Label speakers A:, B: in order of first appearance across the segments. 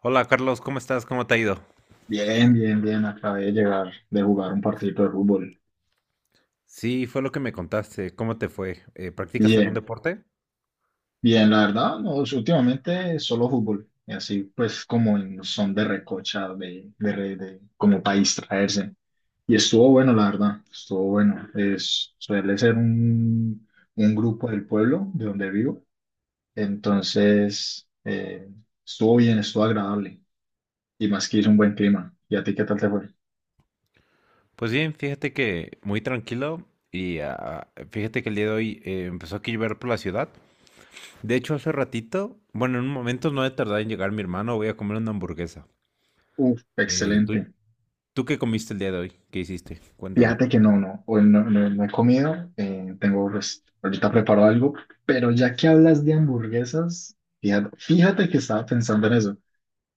A: Hola Carlos, ¿cómo estás? ¿Cómo te ha ido?
B: Bien. Acabé de llegar de jugar un partido de fútbol.
A: Sí, fue lo que me contaste. ¿Cómo te fue? ¿Practicas algún
B: Bien,
A: deporte?
B: bien, la verdad, no, últimamente solo fútbol. Y así pues como en son de recocha, como para distraerse. Y estuvo bueno, la verdad, estuvo bueno. Suele ser un grupo del pueblo de donde vivo. Entonces, estuvo bien, estuvo agradable. Y más que hizo un buen clima. ¿Y a ti qué tal te fue?
A: Pues bien, fíjate que muy tranquilo y fíjate que el día de hoy empezó a llover por la ciudad. De hecho, hace ratito, bueno, en un momento no he tardado en llegar mi hermano, voy a comer una hamburguesa.
B: Uf,
A: Eh, ¿tú,
B: excelente.
A: tú qué comiste el día de hoy? ¿Qué hiciste? Cuéntame.
B: Fíjate que no, no, hoy no, no he comido, tengo, pues, ahorita preparo algo, pero ya que hablas de hamburguesas, fíjate que estaba pensando en eso.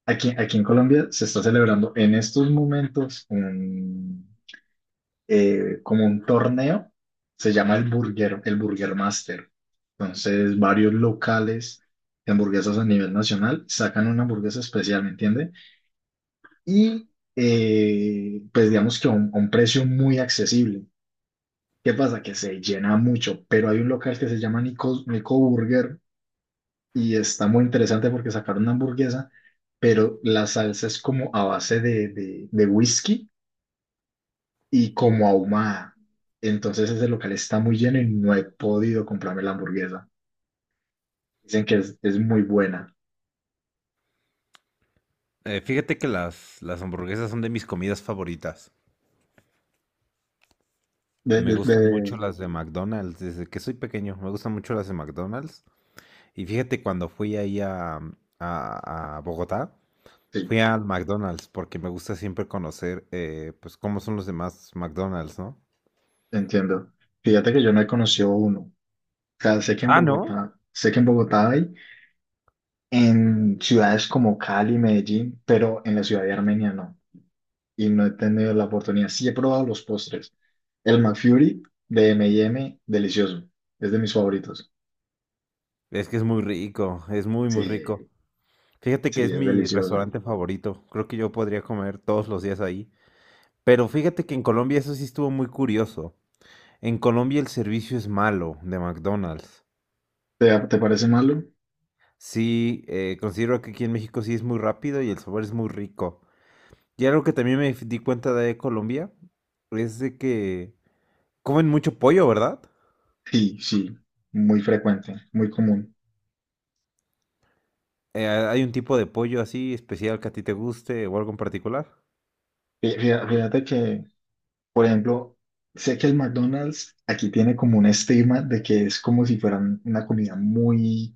B: Aquí en Colombia se está celebrando en estos momentos como un torneo, se llama el Burger Master. Entonces, varios locales de hamburguesas a nivel nacional sacan una hamburguesa especial, ¿me entiendes? Y, pues, digamos que a un precio muy accesible. ¿Qué pasa? Que se llena mucho, pero hay un local que se llama Nico, Nico Burger y está muy interesante porque sacaron una hamburguesa, pero la salsa es como a base de whisky y como ahumada. Entonces ese local está muy lleno y no he podido comprarme la hamburguesa. Dicen que es muy buena.
A: Fíjate que las hamburguesas son de mis comidas favoritas.
B: De,
A: Me
B: de-
A: gustan mucho
B: de-
A: las de McDonald's, desde que soy pequeño, me gustan mucho las de McDonald's. Y fíjate, cuando fui ahí a, a Bogotá,
B: sí,
A: fui al McDonald's porque me gusta siempre conocer, pues, cómo son los demás McDonald's, ¿no?
B: entiendo. Fíjate que yo no he conocido uno. O sea, sé que en
A: Ah, ¿no?
B: Bogotá, en ciudades como Cali, Medellín, pero en la ciudad de Armenia no. Y no he tenido la oportunidad. Sí he probado los postres. El McFlurry de M&M, delicioso. Es de mis favoritos.
A: Es que es muy rico, es muy, muy rico.
B: Sí,
A: Fíjate que
B: sí,
A: es
B: es
A: mi
B: delicioso.
A: restaurante favorito. Creo que yo podría comer todos los días ahí. Pero fíjate que en Colombia eso sí estuvo muy curioso. En Colombia el servicio es malo de McDonald's.
B: ¿Te, te parece malo?
A: Sí, considero que aquí en México sí es muy rápido y el sabor es muy rico. Y algo que también me di cuenta de Colombia es de que comen mucho pollo, ¿verdad?
B: Sí, sí, muy frecuente, muy común.
A: ¿Hay un tipo de pollo así especial que a ti te guste o algo en particular?
B: Fíjate que, por ejemplo, sé que el McDonald's aquí tiene como un estigma de que es como si fueran una comida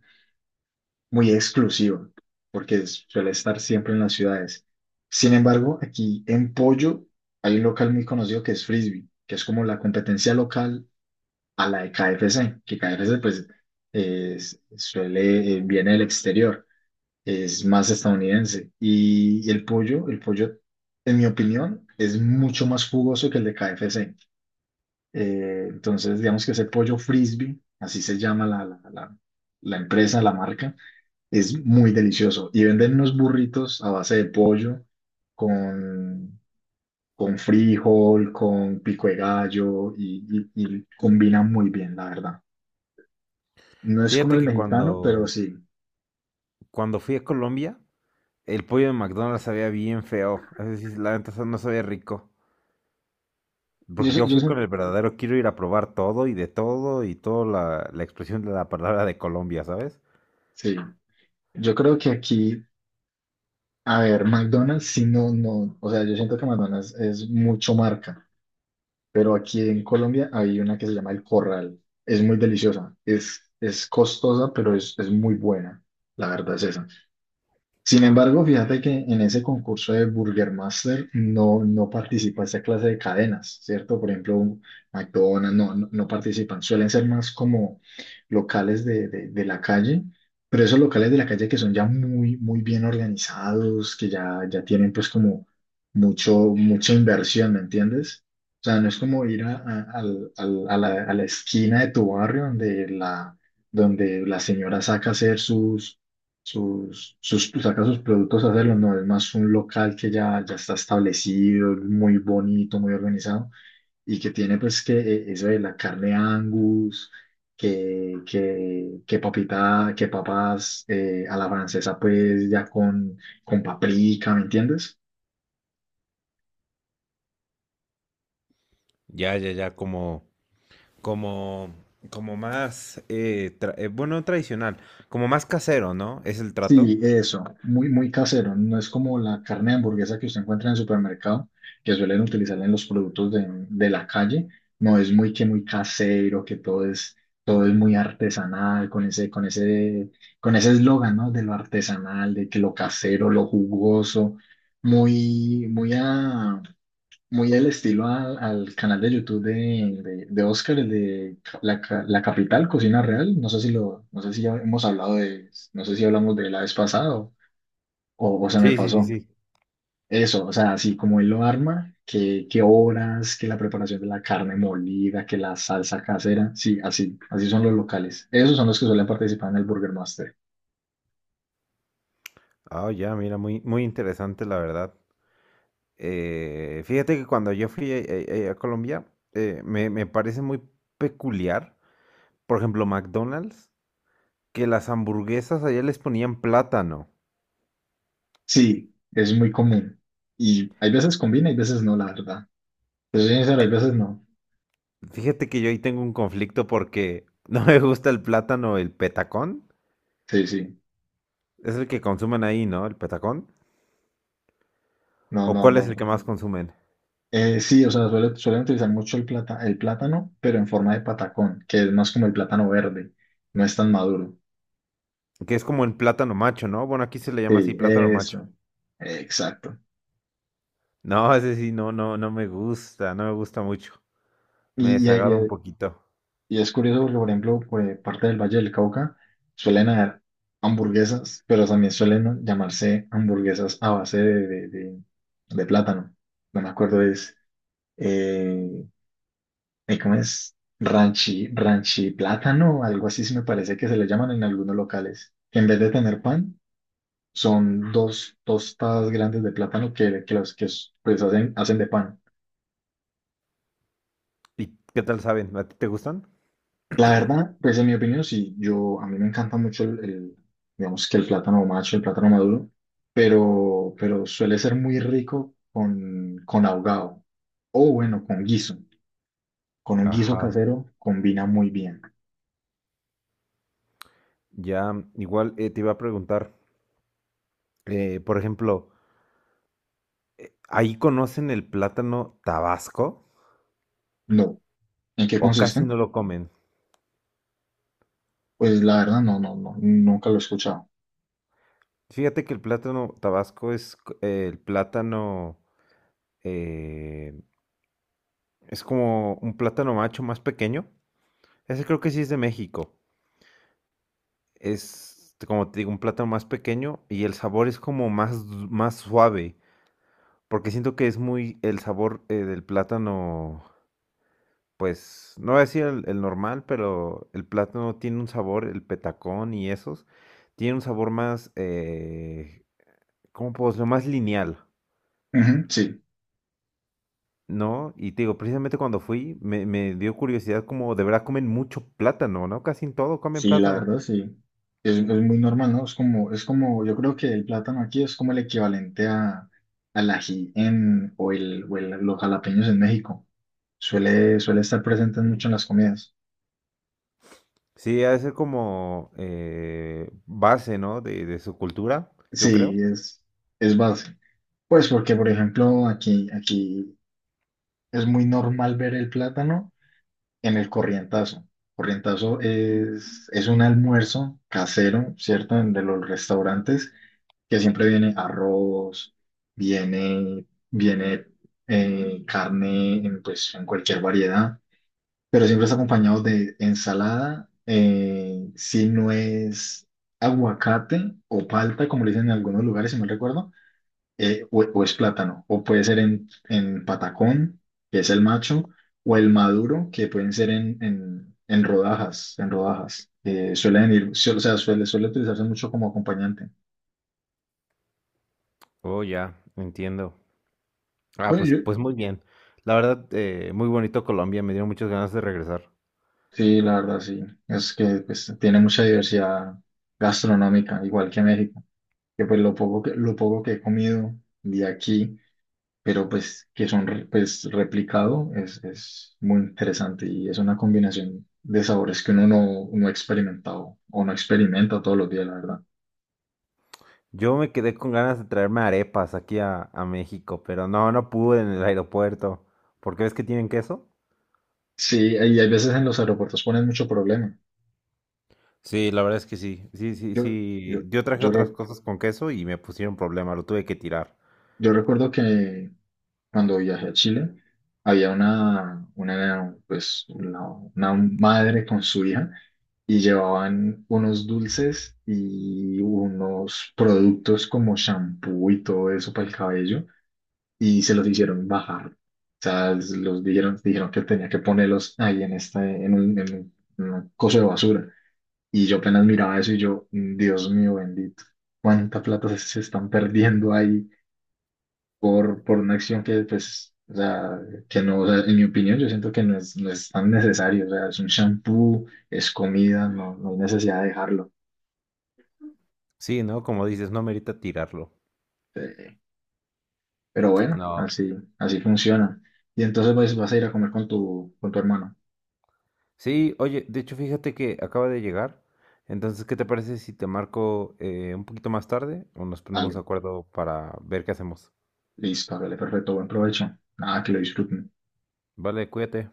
B: muy exclusiva, porque suele estar siempre en las ciudades. Sin embargo, aquí en Pollo hay un local muy conocido que es Frisbee, que es como la competencia local a la de KFC, que KFC pues suele, viene del exterior, es más estadounidense. Y, el pollo, en mi opinión, es mucho más jugoso que el de KFC. Entonces, digamos que ese pollo Frisbee, así se llama la empresa, la marca es muy delicioso. Y venden unos burritos a base de pollo con, con frijol, con pico de gallo y combina muy bien, la verdad. No es como
A: Fíjate
B: el
A: que
B: mexicano, pero sí.
A: cuando fui a Colombia, el pollo de McDonald's sabía bien feo. Es decir, la neta no sabía rico.
B: Yo,
A: Porque
B: sé-
A: yo
B: yo,
A: fui con
B: sé-
A: el verdadero quiero ir a probar todo y de todo y toda la expresión de la palabra de Colombia, ¿sabes?
B: sí. Yo creo que aquí, a ver, McDonald's, sí, no, no. O sea, yo siento que McDonald's es mucho marca, pero aquí en Colombia hay una que se llama El Corral. Es muy deliciosa. Es costosa, pero es muy buena. La verdad es esa. Sin embargo, fíjate que en ese concurso de Burger Master no, no participa esa clase de cadenas, ¿cierto? Por ejemplo, McDonald's no, no, no participan, suelen ser más como locales de la calle, pero esos locales de la calle que son ya muy, muy bien organizados, ya tienen pues como mucha inversión, ¿me entiendes? O sea, no es como ir a, al- al- a la esquina de tu barrio donde la señora saca a hacer sus saca sus productos a hacerlo, no, es más un local que ya está establecido, muy bonito, muy organizado, y que tiene pues que eso de la carne Angus, que papita, que papas a la francesa pues ya con paprika, ¿me entiendes?
A: Ya, ya, ya, como, como más, bueno, tradicional, como más casero, ¿no? Es el trato.
B: Sí, eso, muy, muy casero. No es como la carne de hamburguesa que usted encuentra en el supermercado, que suelen utilizar en los productos de la calle. No es muy que muy casero, que todo es muy artesanal, con ese eslogan, ¿no? De lo artesanal, de que lo casero, lo jugoso, muy, muy a, muy el estilo al canal de YouTube de Oscar, el de La Capital Cocina Real. No sé si lo, no sé si ya hemos hablado de, no sé si hablamos de la vez pasada o se me
A: Sí, sí, sí,
B: pasó.
A: sí.
B: Eso, o sea, así como él lo arma, que horas, que la preparación de la carne molida, que la salsa casera. Sí, así, así son los locales. Esos son los que suelen participar en el Burger Master.
A: Ah, ya, mira, muy, muy interesante, la verdad. Fíjate que cuando yo fui a, Colombia, me parece muy peculiar, por ejemplo, McDonald's, que las hamburguesas allá les ponían plátano.
B: Sí, es muy común. Y hay veces combina, hay veces no, la verdad. Pero sincero, hay veces no.
A: Fíjate que yo ahí tengo un conflicto porque no me gusta el plátano, el petacón.
B: Sí, sí.
A: Es el que consumen ahí, ¿no? El petacón.
B: No,
A: ¿O
B: no,
A: cuál es el que
B: no.
A: más consumen?
B: Sí, o sea, suelen utilizar mucho el plata, el plátano, pero en forma de patacón, que es más como el plátano verde, no es tan maduro.
A: Que es como el plátano macho, ¿no? Bueno, aquí se le llama así
B: Sí,
A: plátano macho.
B: eso, exacto.
A: No, ese sí, no, no, no me gusta, no me gusta mucho. Me
B: Y, y- y-
A: desagrada un
B: eh,
A: poquito.
B: y es curioso porque, por ejemplo, pues, parte del Valle del Cauca suelen haber hamburguesas, pero también suelen llamarse hamburguesas a base de plátano. No me acuerdo, eh, ¿cómo es? Ranchi, ranchi plátano, algo así se me parece que se le llaman en algunos locales. Que en vez de tener pan, son dos tostadas grandes de plátano que las que pues hacen, hacen de pan.
A: ¿Y qué tal saben? ¿A ti te gustan?
B: La verdad, pues en mi opinión, sí, a mí me encanta mucho digamos que el plátano macho, el plátano maduro, pero suele ser muy rico con ahogado o bueno, con guiso. Con un guiso
A: Ajá.
B: casero combina muy bien.
A: Ya, igual te iba a preguntar, por ejemplo, ¿ahí conocen el plátano tabasco
B: No. ¿En qué
A: o casi
B: consiste?
A: no lo comen?
B: Pues la verdad, no, no, no, nunca lo he escuchado.
A: Fíjate que el plátano tabasco el plátano, eh, es como un plátano macho más pequeño. Ese creo que sí es de México. Es, como te digo, un plátano más pequeño y el sabor es como más, más suave, porque siento que es muy el sabor del plátano, pues, no voy a decir el normal, pero el plátano tiene un sabor, el petacón y esos, tiene un sabor más, ¿cómo puedo decirlo? Más lineal,
B: Ujú, sí.
A: ¿no? Y te digo, precisamente cuando fui, me dio curiosidad como de verdad comen mucho plátano, ¿no? Casi en todo comen
B: Sí, la
A: plátano.
B: verdad, sí. Es muy normal, ¿no? Es como, yo creo que el plátano aquí es como el equivalente al ají en, los jalapeños en México. Suele estar presente mucho en las comidas.
A: Sí, ha de ser como base, ¿no? De su cultura, yo creo.
B: Sí, es base. Pues porque, por ejemplo, aquí es muy normal ver el plátano en el corrientazo. Corrientazo es un almuerzo casero, ¿cierto? En de los restaurantes que siempre viene arroz, viene, viene carne en, pues, en cualquier variedad, pero siempre está acompañado de ensalada, si no es aguacate o palta, como le dicen en algunos lugares, si mal recuerdo, o es plátano, o puede ser en patacón, que es el macho, o el maduro, que pueden ser en rodajas, en rodajas. Suelen ir, o sea, suele utilizarse mucho como acompañante.
A: Oh, ya, entiendo. Ah,
B: Bueno,
A: pues,
B: yo,
A: pues muy bien. La verdad, muy bonito Colombia, me dieron muchas ganas de regresar.
B: sí, la verdad, sí. Es que pues, tiene mucha diversidad gastronómica, igual que México. Que pues lo poco que he comido de aquí, pero pues que son pues, replicado, es muy interesante y es una combinación de sabores que uno no, no ha experimentado o no experimenta todos los días, la verdad.
A: Yo me quedé con ganas de traerme arepas aquí a México, pero no, no pude en el aeropuerto. ¿Por qué ves que tienen queso?
B: Sí, y hay veces en los aeropuertos ponen mucho problema.
A: Sí, la verdad es que sí. Sí, sí,
B: Yo,
A: sí.
B: yo,
A: Yo traje
B: yo,
A: otras
B: re-
A: cosas con queso y me pusieron problema, lo tuve que tirar.
B: yo recuerdo que cuando viajé a Chile, había una madre con su hija y llevaban unos dulces y unos productos como shampoo y todo eso para el cabello y se los hicieron bajar. O sea, los dijeron, dijeron que tenía que ponerlos ahí en, esta, en un, en un- en un coso de basura. Y yo apenas miraba eso y yo, "Mm, Dios mío bendito, cuánta plata se se están perdiendo ahí por una acción que, pues, o sea, que no, o sea, en mi opinión, yo siento que no no es tan necesario, o sea, es un shampoo, es comida, no, no hay necesidad de dejarlo.
A: Sí, ¿no? Como dices, no merita tirarlo.
B: Eh, pero bueno,
A: No.
B: así, así funciona. Y entonces pues, vas a ir a comer con tu hermano.
A: Sí, oye, de hecho fíjate que acaba de llegar. Entonces, ¿qué te parece si te marco un poquito más tarde o nos ponemos de
B: Dale,
A: acuerdo para ver qué hacemos?
B: listo, hágale, perfecto, buen provecho. Nada, que lo disfruten.
A: Vale, cuídate.